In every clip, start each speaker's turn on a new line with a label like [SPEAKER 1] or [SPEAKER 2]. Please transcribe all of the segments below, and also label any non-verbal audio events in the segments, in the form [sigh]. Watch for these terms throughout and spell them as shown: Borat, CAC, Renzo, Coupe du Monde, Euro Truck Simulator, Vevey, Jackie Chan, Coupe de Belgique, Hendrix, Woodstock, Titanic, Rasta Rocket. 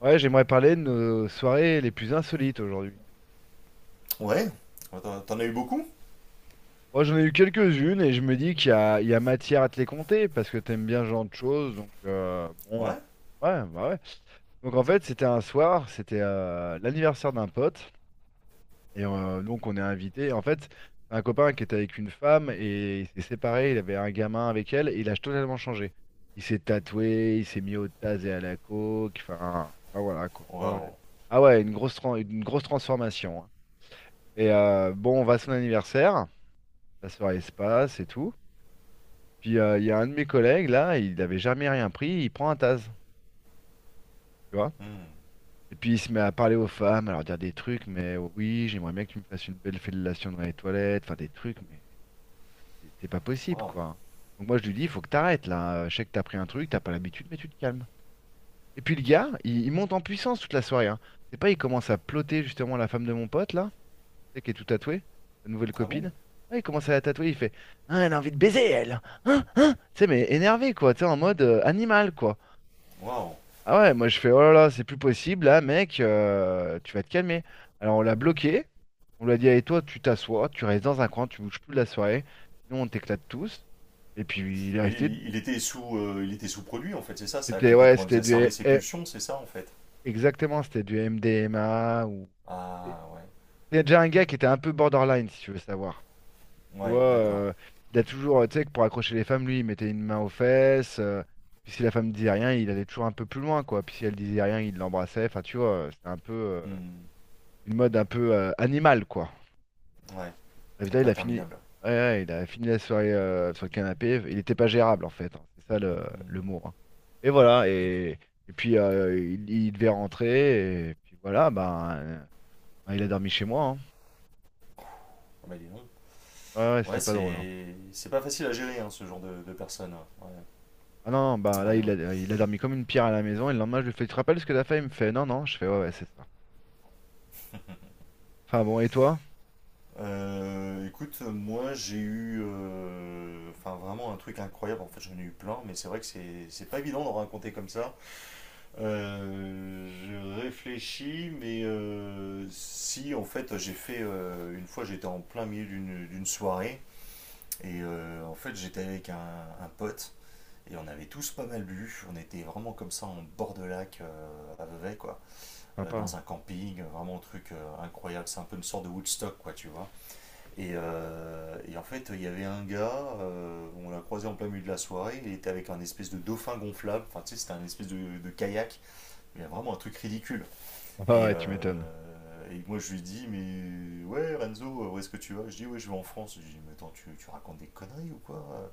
[SPEAKER 1] Ouais, j'aimerais parler de nos soirées les plus insolites aujourd'hui.
[SPEAKER 2] Ouais. Ouais, T'en as eu beaucoup?
[SPEAKER 1] Moi, j'en ai eu quelques-unes et je me dis qu'il y a matière à te les compter parce que t'aimes bien ce genre de choses. Donc, bon,
[SPEAKER 2] Ouais.
[SPEAKER 1] ouais, bah ouais. Donc, en
[SPEAKER 2] Ça-
[SPEAKER 1] fait, c'était un soir, c'était l'anniversaire d'un pote et donc on est invité. En fait, c'est un copain qui était avec une femme et il s'est séparé, il avait un gamin avec elle et il a totalement changé. Il s'est tatoué, il s'est mis au taz et à la coke, voilà quoi, hein.
[SPEAKER 2] Waouh.
[SPEAKER 1] Ah ouais, une grosse transformation, hein. Et bon, on va à son anniversaire, sa soirée se passe et tout. Puis il y a un de mes collègues là, il n'avait jamais rien pris, il prend un taz, tu vois.
[SPEAKER 2] Hmm.
[SPEAKER 1] Et puis il se met à parler aux femmes, à leur dire des trucs, mais oui, j'aimerais bien que tu me fasses une belle fellation dans les toilettes, enfin des trucs, mais c'est pas possible
[SPEAKER 2] Waouh.
[SPEAKER 1] quoi. Donc moi je lui dis, faut que t'arrêtes là, je sais que t'as pris un truc, t'as pas l'habitude, mais tu te calmes. Et puis le gars, il monte en puissance toute la soirée, hein. C'est pas, il commence à ploter justement la femme de mon pote là. Sais, qui est tout tatoué, sa nouvelle
[SPEAKER 2] Ah bon?
[SPEAKER 1] copine. Ouais, il commence à la tatouer, il fait Ah, elle a envie de baiser, elle! Hein? Hein? Tu sais, mais énervé, quoi, tu sais, en mode animal, quoi.
[SPEAKER 2] Waouh.
[SPEAKER 1] Ah ouais, moi je fais Oh là là, c'est plus possible, là, mec, tu vas te calmer. Alors on l'a bloqué, on lui a dit Allez, toi, tu t'assois, tu restes dans un coin, tu bouges plus de la soirée, sinon on t'éclate tous. Et puis il est
[SPEAKER 2] Mais
[SPEAKER 1] resté.
[SPEAKER 2] il était sous produit en fait, c'est ça. Ça a
[SPEAKER 1] C'était, ouais,
[SPEAKER 2] complètement
[SPEAKER 1] c'était du.
[SPEAKER 2] exacerbé ses pulsions, c'est ça en fait.
[SPEAKER 1] Exactement, c'était du MDMA ou.
[SPEAKER 2] Ah ouais.
[SPEAKER 1] C'était déjà un gars qui était un peu borderline, si tu veux savoir. Tu
[SPEAKER 2] Ouais,
[SPEAKER 1] vois,
[SPEAKER 2] d'accord.
[SPEAKER 1] il a toujours, tu sais, que pour accrocher les femmes, lui, il mettait une main aux fesses. Puis si la femme disait rien, il allait toujours un peu plus loin, quoi. Puis si elle disait rien, il l'embrassait. Enfin, tu vois, c'était un peu
[SPEAKER 2] Hmm.
[SPEAKER 1] une mode un peu animale, quoi.
[SPEAKER 2] Ouais.
[SPEAKER 1] David,
[SPEAKER 2] Un
[SPEAKER 1] là,
[SPEAKER 2] peu
[SPEAKER 1] il a fini,
[SPEAKER 2] interminable.
[SPEAKER 1] ouais, ouais, il a fini la soirée sur le canapé. Il n'était pas gérable, en fait, hein. C'est ça le mot,
[SPEAKER 2] Hmm.
[SPEAKER 1] hein. Et voilà. Et puis il devait rentrer. Et puis voilà, ben, il a dormi chez moi, hein.
[SPEAKER 2] Ah bah dis donc.
[SPEAKER 1] Ouais, ouais, c'était
[SPEAKER 2] Ouais,
[SPEAKER 1] pas drôle, hein.
[SPEAKER 2] c'est pas facile à gérer hein, ce genre de personnes. Ouais.
[SPEAKER 1] Ah non, non, bah là,
[SPEAKER 2] Ouais, ouais.
[SPEAKER 1] il a dormi comme une pierre à la maison. Et le lendemain, je lui fais, tu te rappelles ce que t'as fait? Il me fait, non, non. Je fais, ouais, ouais, c'est ça. Enfin bon, et toi?
[SPEAKER 2] Écoute, moi j'ai eu enfin vraiment un truc incroyable. En fait, j'en ai eu plein, mais c'est vrai que c'est pas évident d'en raconter comme ça. Je réfléchis, mais si en fait j'ai fait une fois j'étais en plein milieu d'une soirée et en fait j'étais avec un pote et on avait tous pas mal bu, on était vraiment comme ça en bord de lac à Vevey quoi,
[SPEAKER 1] Sympa.
[SPEAKER 2] dans un camping, vraiment un truc incroyable, c'est un peu une sorte de Woodstock quoi tu vois. Et en fait il y avait un gars, on l'a croisé en plein milieu de la soirée, il était avec un espèce de dauphin gonflable, enfin tu sais c'était un espèce de kayak. Il y a vraiment un truc ridicule.
[SPEAKER 1] [laughs] Ah
[SPEAKER 2] Et,
[SPEAKER 1] ouais, tu
[SPEAKER 2] euh,
[SPEAKER 1] m'étonnes.
[SPEAKER 2] et moi, je lui dis, mais ouais, Renzo, où est-ce que tu vas? Je dis, ouais, je vais en France. Je lui dis, mais attends, tu racontes des conneries ou quoi?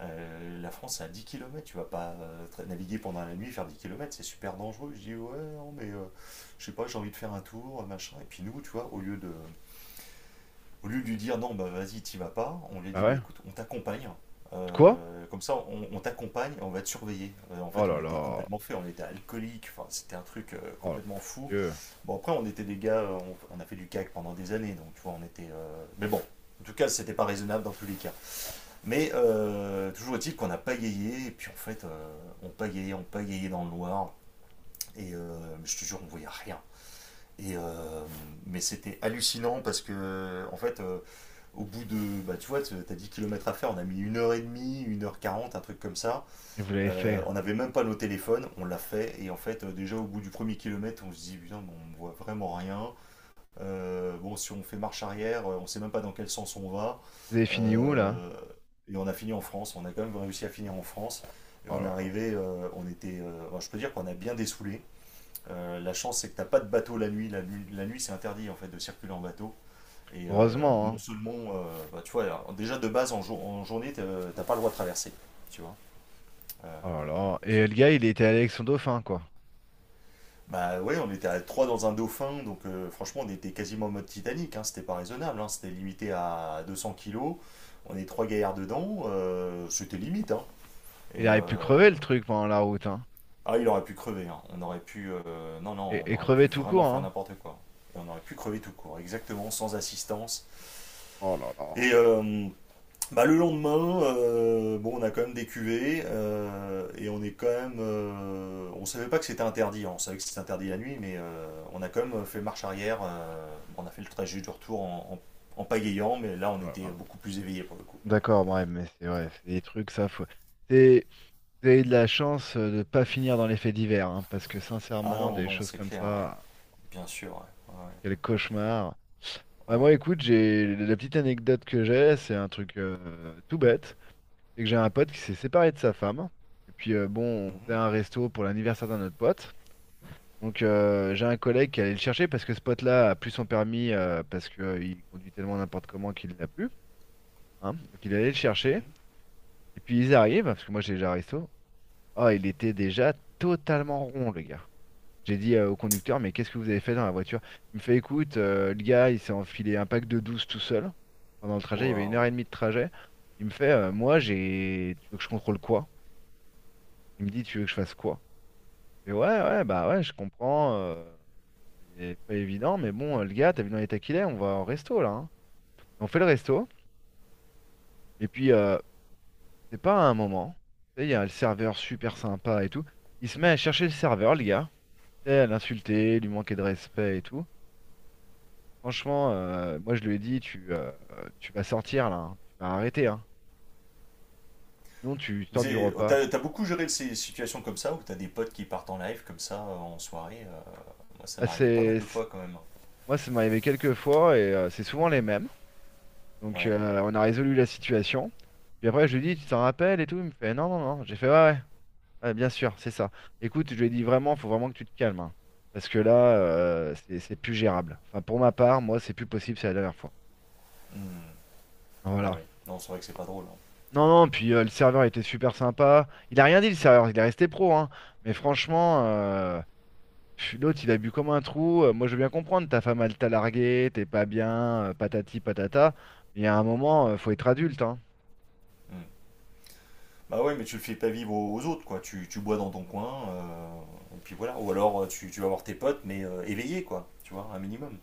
[SPEAKER 2] La France, c'est à 10 kilomètres. Tu vas pas naviguer pendant la nuit, faire 10 kilomètres, c'est super dangereux. Je dis, ouais, non, mais je sais pas, j'ai envie de faire un tour, machin. Et puis nous, tu vois, au lieu de lui dire, non, bah vas-y, t'y vas pas, on lui a
[SPEAKER 1] Bah
[SPEAKER 2] dit, bah
[SPEAKER 1] ouais.
[SPEAKER 2] écoute, on t'accompagne.
[SPEAKER 1] Quoi?
[SPEAKER 2] Comme ça, on t'accompagne, on va te surveiller. En
[SPEAKER 1] Oh
[SPEAKER 2] fait, on
[SPEAKER 1] là
[SPEAKER 2] était
[SPEAKER 1] là.
[SPEAKER 2] complètement fait, on était alcoolique, enfin, c'était un truc
[SPEAKER 1] Oh là là, mon
[SPEAKER 2] complètement fou.
[SPEAKER 1] Dieu.
[SPEAKER 2] Bon, après, on était des gars, on a fait du CAC pendant des années, donc tu vois, on était, mais bon, en tout cas, c'était pas raisonnable dans tous les cas. Mais toujours est-il qu'on a pagayé, et puis en fait, on pagayait dans le noir, et je te jure, on voyait rien. Et mais c'était hallucinant parce que, en fait, au bout de, bah, tu vois, t'as 10 kilomètres à faire, on a mis une heure et demie, une heure quarante, un truc comme ça.
[SPEAKER 1] Et vous l'avez fait.
[SPEAKER 2] On n'avait même pas nos téléphones, on l'a fait, et en fait, déjà au bout du premier kilomètre, on se dit, putain, mais on ne voit vraiment rien. Bon, si on fait marche arrière, on ne sait même pas dans quel sens on va.
[SPEAKER 1] Vous avez fini où là?
[SPEAKER 2] Euh, et on a fini en France. On a quand même réussi à finir en France. Et
[SPEAKER 1] Oh
[SPEAKER 2] on est
[SPEAKER 1] là là.
[SPEAKER 2] arrivé, on était, bon, je peux dire qu'on a bien dessoulé. La chance, c'est que t'as pas de bateau la nuit. La nuit, la nuit, c'est interdit en fait de circuler en bateau. Et
[SPEAKER 1] Heureusement,
[SPEAKER 2] non
[SPEAKER 1] hein.
[SPEAKER 2] seulement, bah, tu vois, alors, déjà de base en, en journée, t'as pas le droit de traverser, tu vois. Euh,
[SPEAKER 1] Oh là là. Et le gars, il était allé avec son dauphin, quoi.
[SPEAKER 2] Bah ouais, on était à 3 dans un dauphin, donc franchement on était quasiment en mode Titanic, hein, c'était pas raisonnable, hein, c'était limité à 200 kilos, on est trois gaillards dedans, c'était limite. Hein,
[SPEAKER 1] Il
[SPEAKER 2] et
[SPEAKER 1] aurait pu crever le truc pendant la route, hein.
[SPEAKER 2] ah il aurait pu crever, hein, on aurait pu... non, non, on
[SPEAKER 1] Et
[SPEAKER 2] aurait pu
[SPEAKER 1] crever tout
[SPEAKER 2] vraiment
[SPEAKER 1] court,
[SPEAKER 2] faire
[SPEAKER 1] hein.
[SPEAKER 2] n'importe quoi. Et on aurait pu crever tout court, exactement, sans assistance.
[SPEAKER 1] Oh là là.
[SPEAKER 2] Et bah, le lendemain, bon, on a quand même des cuvées et on est quand même, on savait pas que c'était interdit, hein. On savait que c'était interdit la nuit, mais on a quand même fait marche arrière. On a fait le trajet du retour en pagayant, mais là on
[SPEAKER 1] Oh là
[SPEAKER 2] était
[SPEAKER 1] là.
[SPEAKER 2] beaucoup plus éveillé pour le coup.
[SPEAKER 1] D'accord, ouais, mais c'est ouais, c'est des trucs, ça faut. C'est Vous avez de la chance de ne pas finir dans les faits divers, hein, parce que
[SPEAKER 2] Ah
[SPEAKER 1] sincèrement,
[SPEAKER 2] non,
[SPEAKER 1] des
[SPEAKER 2] non,
[SPEAKER 1] choses
[SPEAKER 2] c'est
[SPEAKER 1] comme
[SPEAKER 2] clair, ouais.
[SPEAKER 1] ça,
[SPEAKER 2] Bien sûr, ouais.
[SPEAKER 1] quel cauchemar.
[SPEAKER 2] Ouais,
[SPEAKER 1] Bah
[SPEAKER 2] ouais.
[SPEAKER 1] moi, écoute, j'ai la petite anecdote que j'ai, c'est un truc tout bête, c'est que j'ai un pote qui s'est séparé de sa femme. Et puis bon, on faisait
[SPEAKER 2] Mhm,
[SPEAKER 1] un resto pour l'anniversaire d'un autre pote. Donc j'ai un collègue qui allait le chercher parce que ce pote-là a plus son permis parce qu'il conduit tellement n'importe comment qu'il l'a plus, hein. Donc il allait le chercher.
[SPEAKER 2] mhm.
[SPEAKER 1] Et puis ils arrivent, parce que moi j'ai déjà un resto. Oh, il était déjà totalement rond, le gars. J'ai dit au conducteur, mais qu'est-ce que vous avez fait dans la voiture? Il me fait, écoute, le gars, il s'est enfilé un pack de 12 tout seul. Pendant le trajet, il y avait une
[SPEAKER 2] Waouh.
[SPEAKER 1] heure et demie de trajet. Il me fait, moi, j'ai. Tu veux que je contrôle quoi? Il me dit, tu veux que je fasse quoi? Je fais, ouais, ouais, bah ouais, je comprends. C'est pas évident, mais bon, le gars, t'as vu dans l'état qu'il est, on va au resto, là, hein. On fait le resto. Et puis, c'est pas à un moment. Tu sais, il y a le serveur super sympa et tout. Il se met à chercher le serveur, le gars. Tu sais, à l'insulter, lui manquer de respect et tout. Franchement, moi je lui ai dit, tu vas sortir là, hein. Tu vas arrêter, hein. Sinon tu
[SPEAKER 2] Mais
[SPEAKER 1] sors du repas.
[SPEAKER 2] t'as beaucoup géré ces situations comme ça où t'as des potes qui partent en live comme ça en soirée. Moi ça
[SPEAKER 1] Bah,
[SPEAKER 2] m'arrivait pas mal de fois quand même.
[SPEAKER 1] moi ça m'est arrivé quelques fois et c'est souvent les mêmes. Donc
[SPEAKER 2] Ouais.
[SPEAKER 1] on a résolu la situation. Puis après je lui ai dit, tu t'en rappelles et tout. Il me fait, non, non, non. J'ai fait, ouais, ouais, ouais, bien sûr, c'est ça. Écoute, je lui ai dit vraiment, faut vraiment que tu te calmes, hein. Parce que là, c'est plus gérable. Enfin, pour ma part, moi c'est plus possible, c'est la dernière fois.
[SPEAKER 2] Mhm. Bah
[SPEAKER 1] Voilà.
[SPEAKER 2] oui, non, c'est vrai que c'est pas drôle. Hein.
[SPEAKER 1] Non,
[SPEAKER 2] Ouais.
[SPEAKER 1] non, puis le serveur était super sympa. Il a rien dit, le serveur, il est resté pro, hein. Mais franchement, pff, l'autre, il a bu comme un trou. Moi, je veux bien comprendre, ta femme, elle t'a largué, t'es pas bien, patati patata. Mais il y a un moment, faut être adulte, hein.
[SPEAKER 2] Mm. Bah ouais, mais tu le fais pas vivre aux autres, quoi. Tu bois dans ton coin, et puis voilà. Ou alors tu vas voir tes potes, mais éveillés, quoi. Tu vois, un minimum.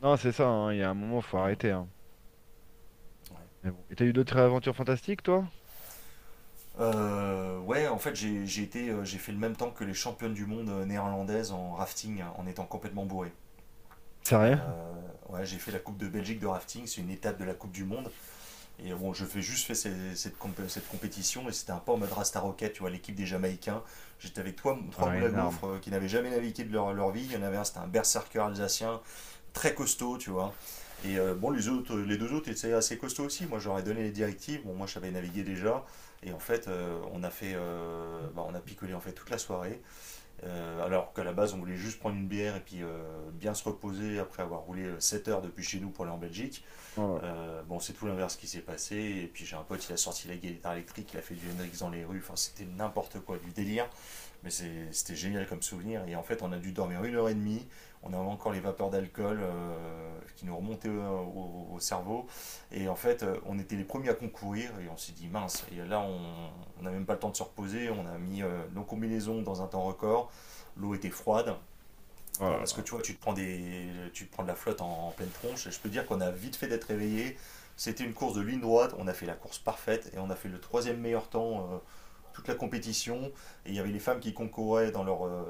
[SPEAKER 1] Non, c'est ça, hein, il y a un moment, faut
[SPEAKER 2] Mm.
[SPEAKER 1] arrêter, hein.
[SPEAKER 2] Ouais.
[SPEAKER 1] Mais bon. Et t'as eu d'autres aventures fantastiques, toi?
[SPEAKER 2] Ouais, en fait, j'ai été, j'ai fait le même temps que les championnes du monde néerlandaises en rafting, hein, en étant complètement bourré.
[SPEAKER 1] Sérieux?
[SPEAKER 2] Ouais, j'ai fait la Coupe de Belgique de rafting, c'est une étape de la Coupe du Monde. Et bon, je fais juste fait cette compétition et c'était un peu en mode Rasta Rocket, tu vois, l'équipe des Jamaïcains. J'étais avec trois
[SPEAKER 1] Ah,
[SPEAKER 2] moules à
[SPEAKER 1] énorme.
[SPEAKER 2] gaufres qui n'avaient jamais navigué de leur vie. Il y en avait un, c'était un berserker alsacien, très costaud, tu vois. Et bon, les deux autres étaient assez costauds aussi. Moi, j'aurais donné les directives. Bon, moi, je savais naviguer déjà. Et en fait, on a fait, bah, on a picolé en fait toute la soirée. Alors qu'à la base, on voulait juste prendre une bière et puis bien se reposer après avoir roulé 7 heures depuis chez nous pour aller en Belgique.
[SPEAKER 1] Oh là là.
[SPEAKER 2] Bon, c'est tout l'inverse qui s'est passé. Et puis j'ai un pote, il a sorti la guitare électrique, il a fait du Hendrix dans les rues. Enfin, c'était n'importe quoi, du délire. Mais c'était génial comme souvenir. Et en fait, on a dû dormir une heure et demie. On avait encore les vapeurs d'alcool qui nous remontaient au cerveau. Et en fait, on était les premiers à concourir. Et on s'est dit, mince. Et là, on n'a même pas le temps de se reposer. On a mis nos combinaisons dans un temps record. L'eau était froide.
[SPEAKER 1] Oh là
[SPEAKER 2] Enfin, parce que
[SPEAKER 1] là.
[SPEAKER 2] tu vois, tu te prends de la flotte en pleine tronche. Et je peux te dire qu'on a vite fait d'être réveillé. C'était une course de ligne droite. On a fait la course parfaite et on a fait le troisième meilleur temps toute la compétition. Et il y avait les femmes qui concouraient dans leur, euh,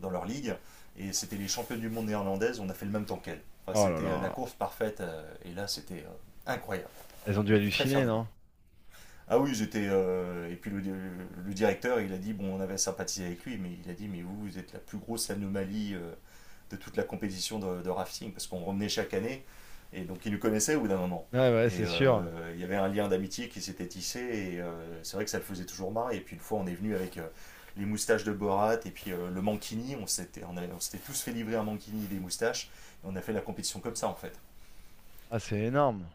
[SPEAKER 2] dans leur ligue. Et c'était les championnes du monde néerlandaises. On a fait le même temps qu'elles. Enfin,
[SPEAKER 1] Oh là
[SPEAKER 2] c'était la
[SPEAKER 1] là.
[SPEAKER 2] course parfaite. Et là, c'était incroyable.
[SPEAKER 1] Elles ont
[SPEAKER 2] On
[SPEAKER 1] dû
[SPEAKER 2] était très fiers
[SPEAKER 1] halluciner,
[SPEAKER 2] de nous.
[SPEAKER 1] non?
[SPEAKER 2] Ah oui, j'étais. Et puis le, le directeur, il a dit bon, on avait sympathisé avec lui, mais il a dit mais vous, vous êtes la plus grosse anomalie de toute la compétition de rafting, parce qu'on revenait chaque année, et donc ils nous connaissaient au bout d'un moment.
[SPEAKER 1] Ouais, ouais,
[SPEAKER 2] Et
[SPEAKER 1] c'est sûr.
[SPEAKER 2] il y avait un lien d'amitié qui s'était tissé, et c'est vrai que ça le faisait toujours marrer. Et puis une fois, on est venu avec les moustaches de Borat, et puis le mankini, on s'était tous fait livrer un mankini et des moustaches, et on a fait la compétition comme ça en fait.
[SPEAKER 1] Ah, c'est énorme.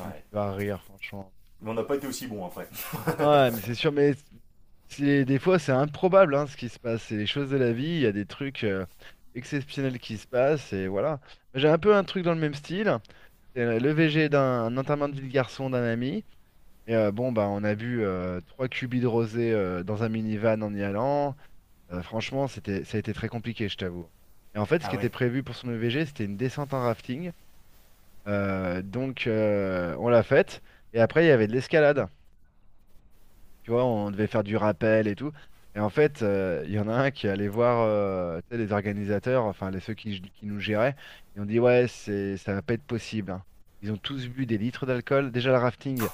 [SPEAKER 1] Comme tu vas rire, franchement.
[SPEAKER 2] Mais on n'a pas été aussi bon après.
[SPEAKER 1] Ouais, mais c'est sûr, mais des fois c'est improbable hein, ce qui se passe. C'est les choses de la vie, il y a des trucs exceptionnels qui se passent, et voilà. J'ai un peu un truc dans le même style. C'est le VG d'un enterrement de vie de garçon d'un ami. Et bon, bah, on a bu trois cubis de rosé dans un minivan en y allant. Franchement, c'était, ça a été très compliqué, je t'avoue. Et en fait, ce
[SPEAKER 2] Ah
[SPEAKER 1] qui était
[SPEAKER 2] ouais?
[SPEAKER 1] prévu pour son E V G, c'était une descente en rafting. Donc, on l'a faite. Et après, il y avait de l'escalade. Tu vois, on devait faire du rappel et tout. Et en fait, il y en a un qui est allé voir tu sais, les organisateurs, enfin les ceux qui nous géraient. Ils ont dit, ouais, ça va pas être possible, hein. Ils ont tous bu des litres d'alcool. Déjà, le rafting,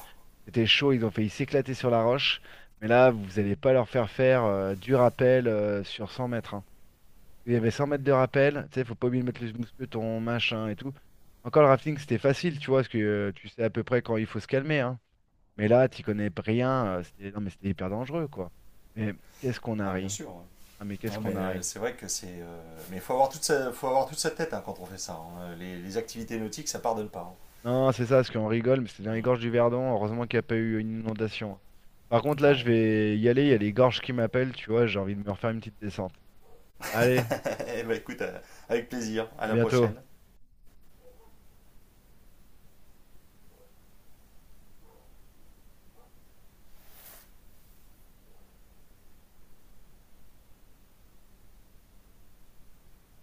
[SPEAKER 1] c'était chaud. Ils ont failli s'éclater sur la roche. Mais là, vous allez pas leur faire faire du rappel sur 100 mètres, hein. Il y avait 100 mètres de rappel. Tu sais, faut pas oublier de mettre le mousqueton, machin et tout. Encore le rafting, c'était facile, tu vois, parce que tu sais à peu près quand il faut se calmer, hein. Mais là, t'y connais rien. C'était, non, mais c'était hyper dangereux, quoi. Mais qu'est-ce qu'on a
[SPEAKER 2] Ah bien
[SPEAKER 1] ri?
[SPEAKER 2] sûr. Ouais.
[SPEAKER 1] Ah, mais qu'est-ce
[SPEAKER 2] Ah, mais
[SPEAKER 1] qu'on a ri?
[SPEAKER 2] c'est vrai que c'est. Mais faut avoir toute sa tête hein, quand on fait ça. Hein. Les activités nautiques, ça pardonne pas.
[SPEAKER 1] Non, c'est ça, parce qu'on rigole, mais c'est dans les
[SPEAKER 2] Hein.
[SPEAKER 1] gorges du Verdon. Heureusement qu'il n'y a pas eu une inondation, hein. Par contre, là, je
[SPEAKER 2] Ouais.
[SPEAKER 1] vais y aller. Il y a les gorges qui m'appellent, tu vois. J'ai envie de me refaire une petite descente. Allez,
[SPEAKER 2] [laughs] Eh ben, écoute, avec plaisir. À
[SPEAKER 1] à
[SPEAKER 2] la
[SPEAKER 1] bientôt.
[SPEAKER 2] prochaine.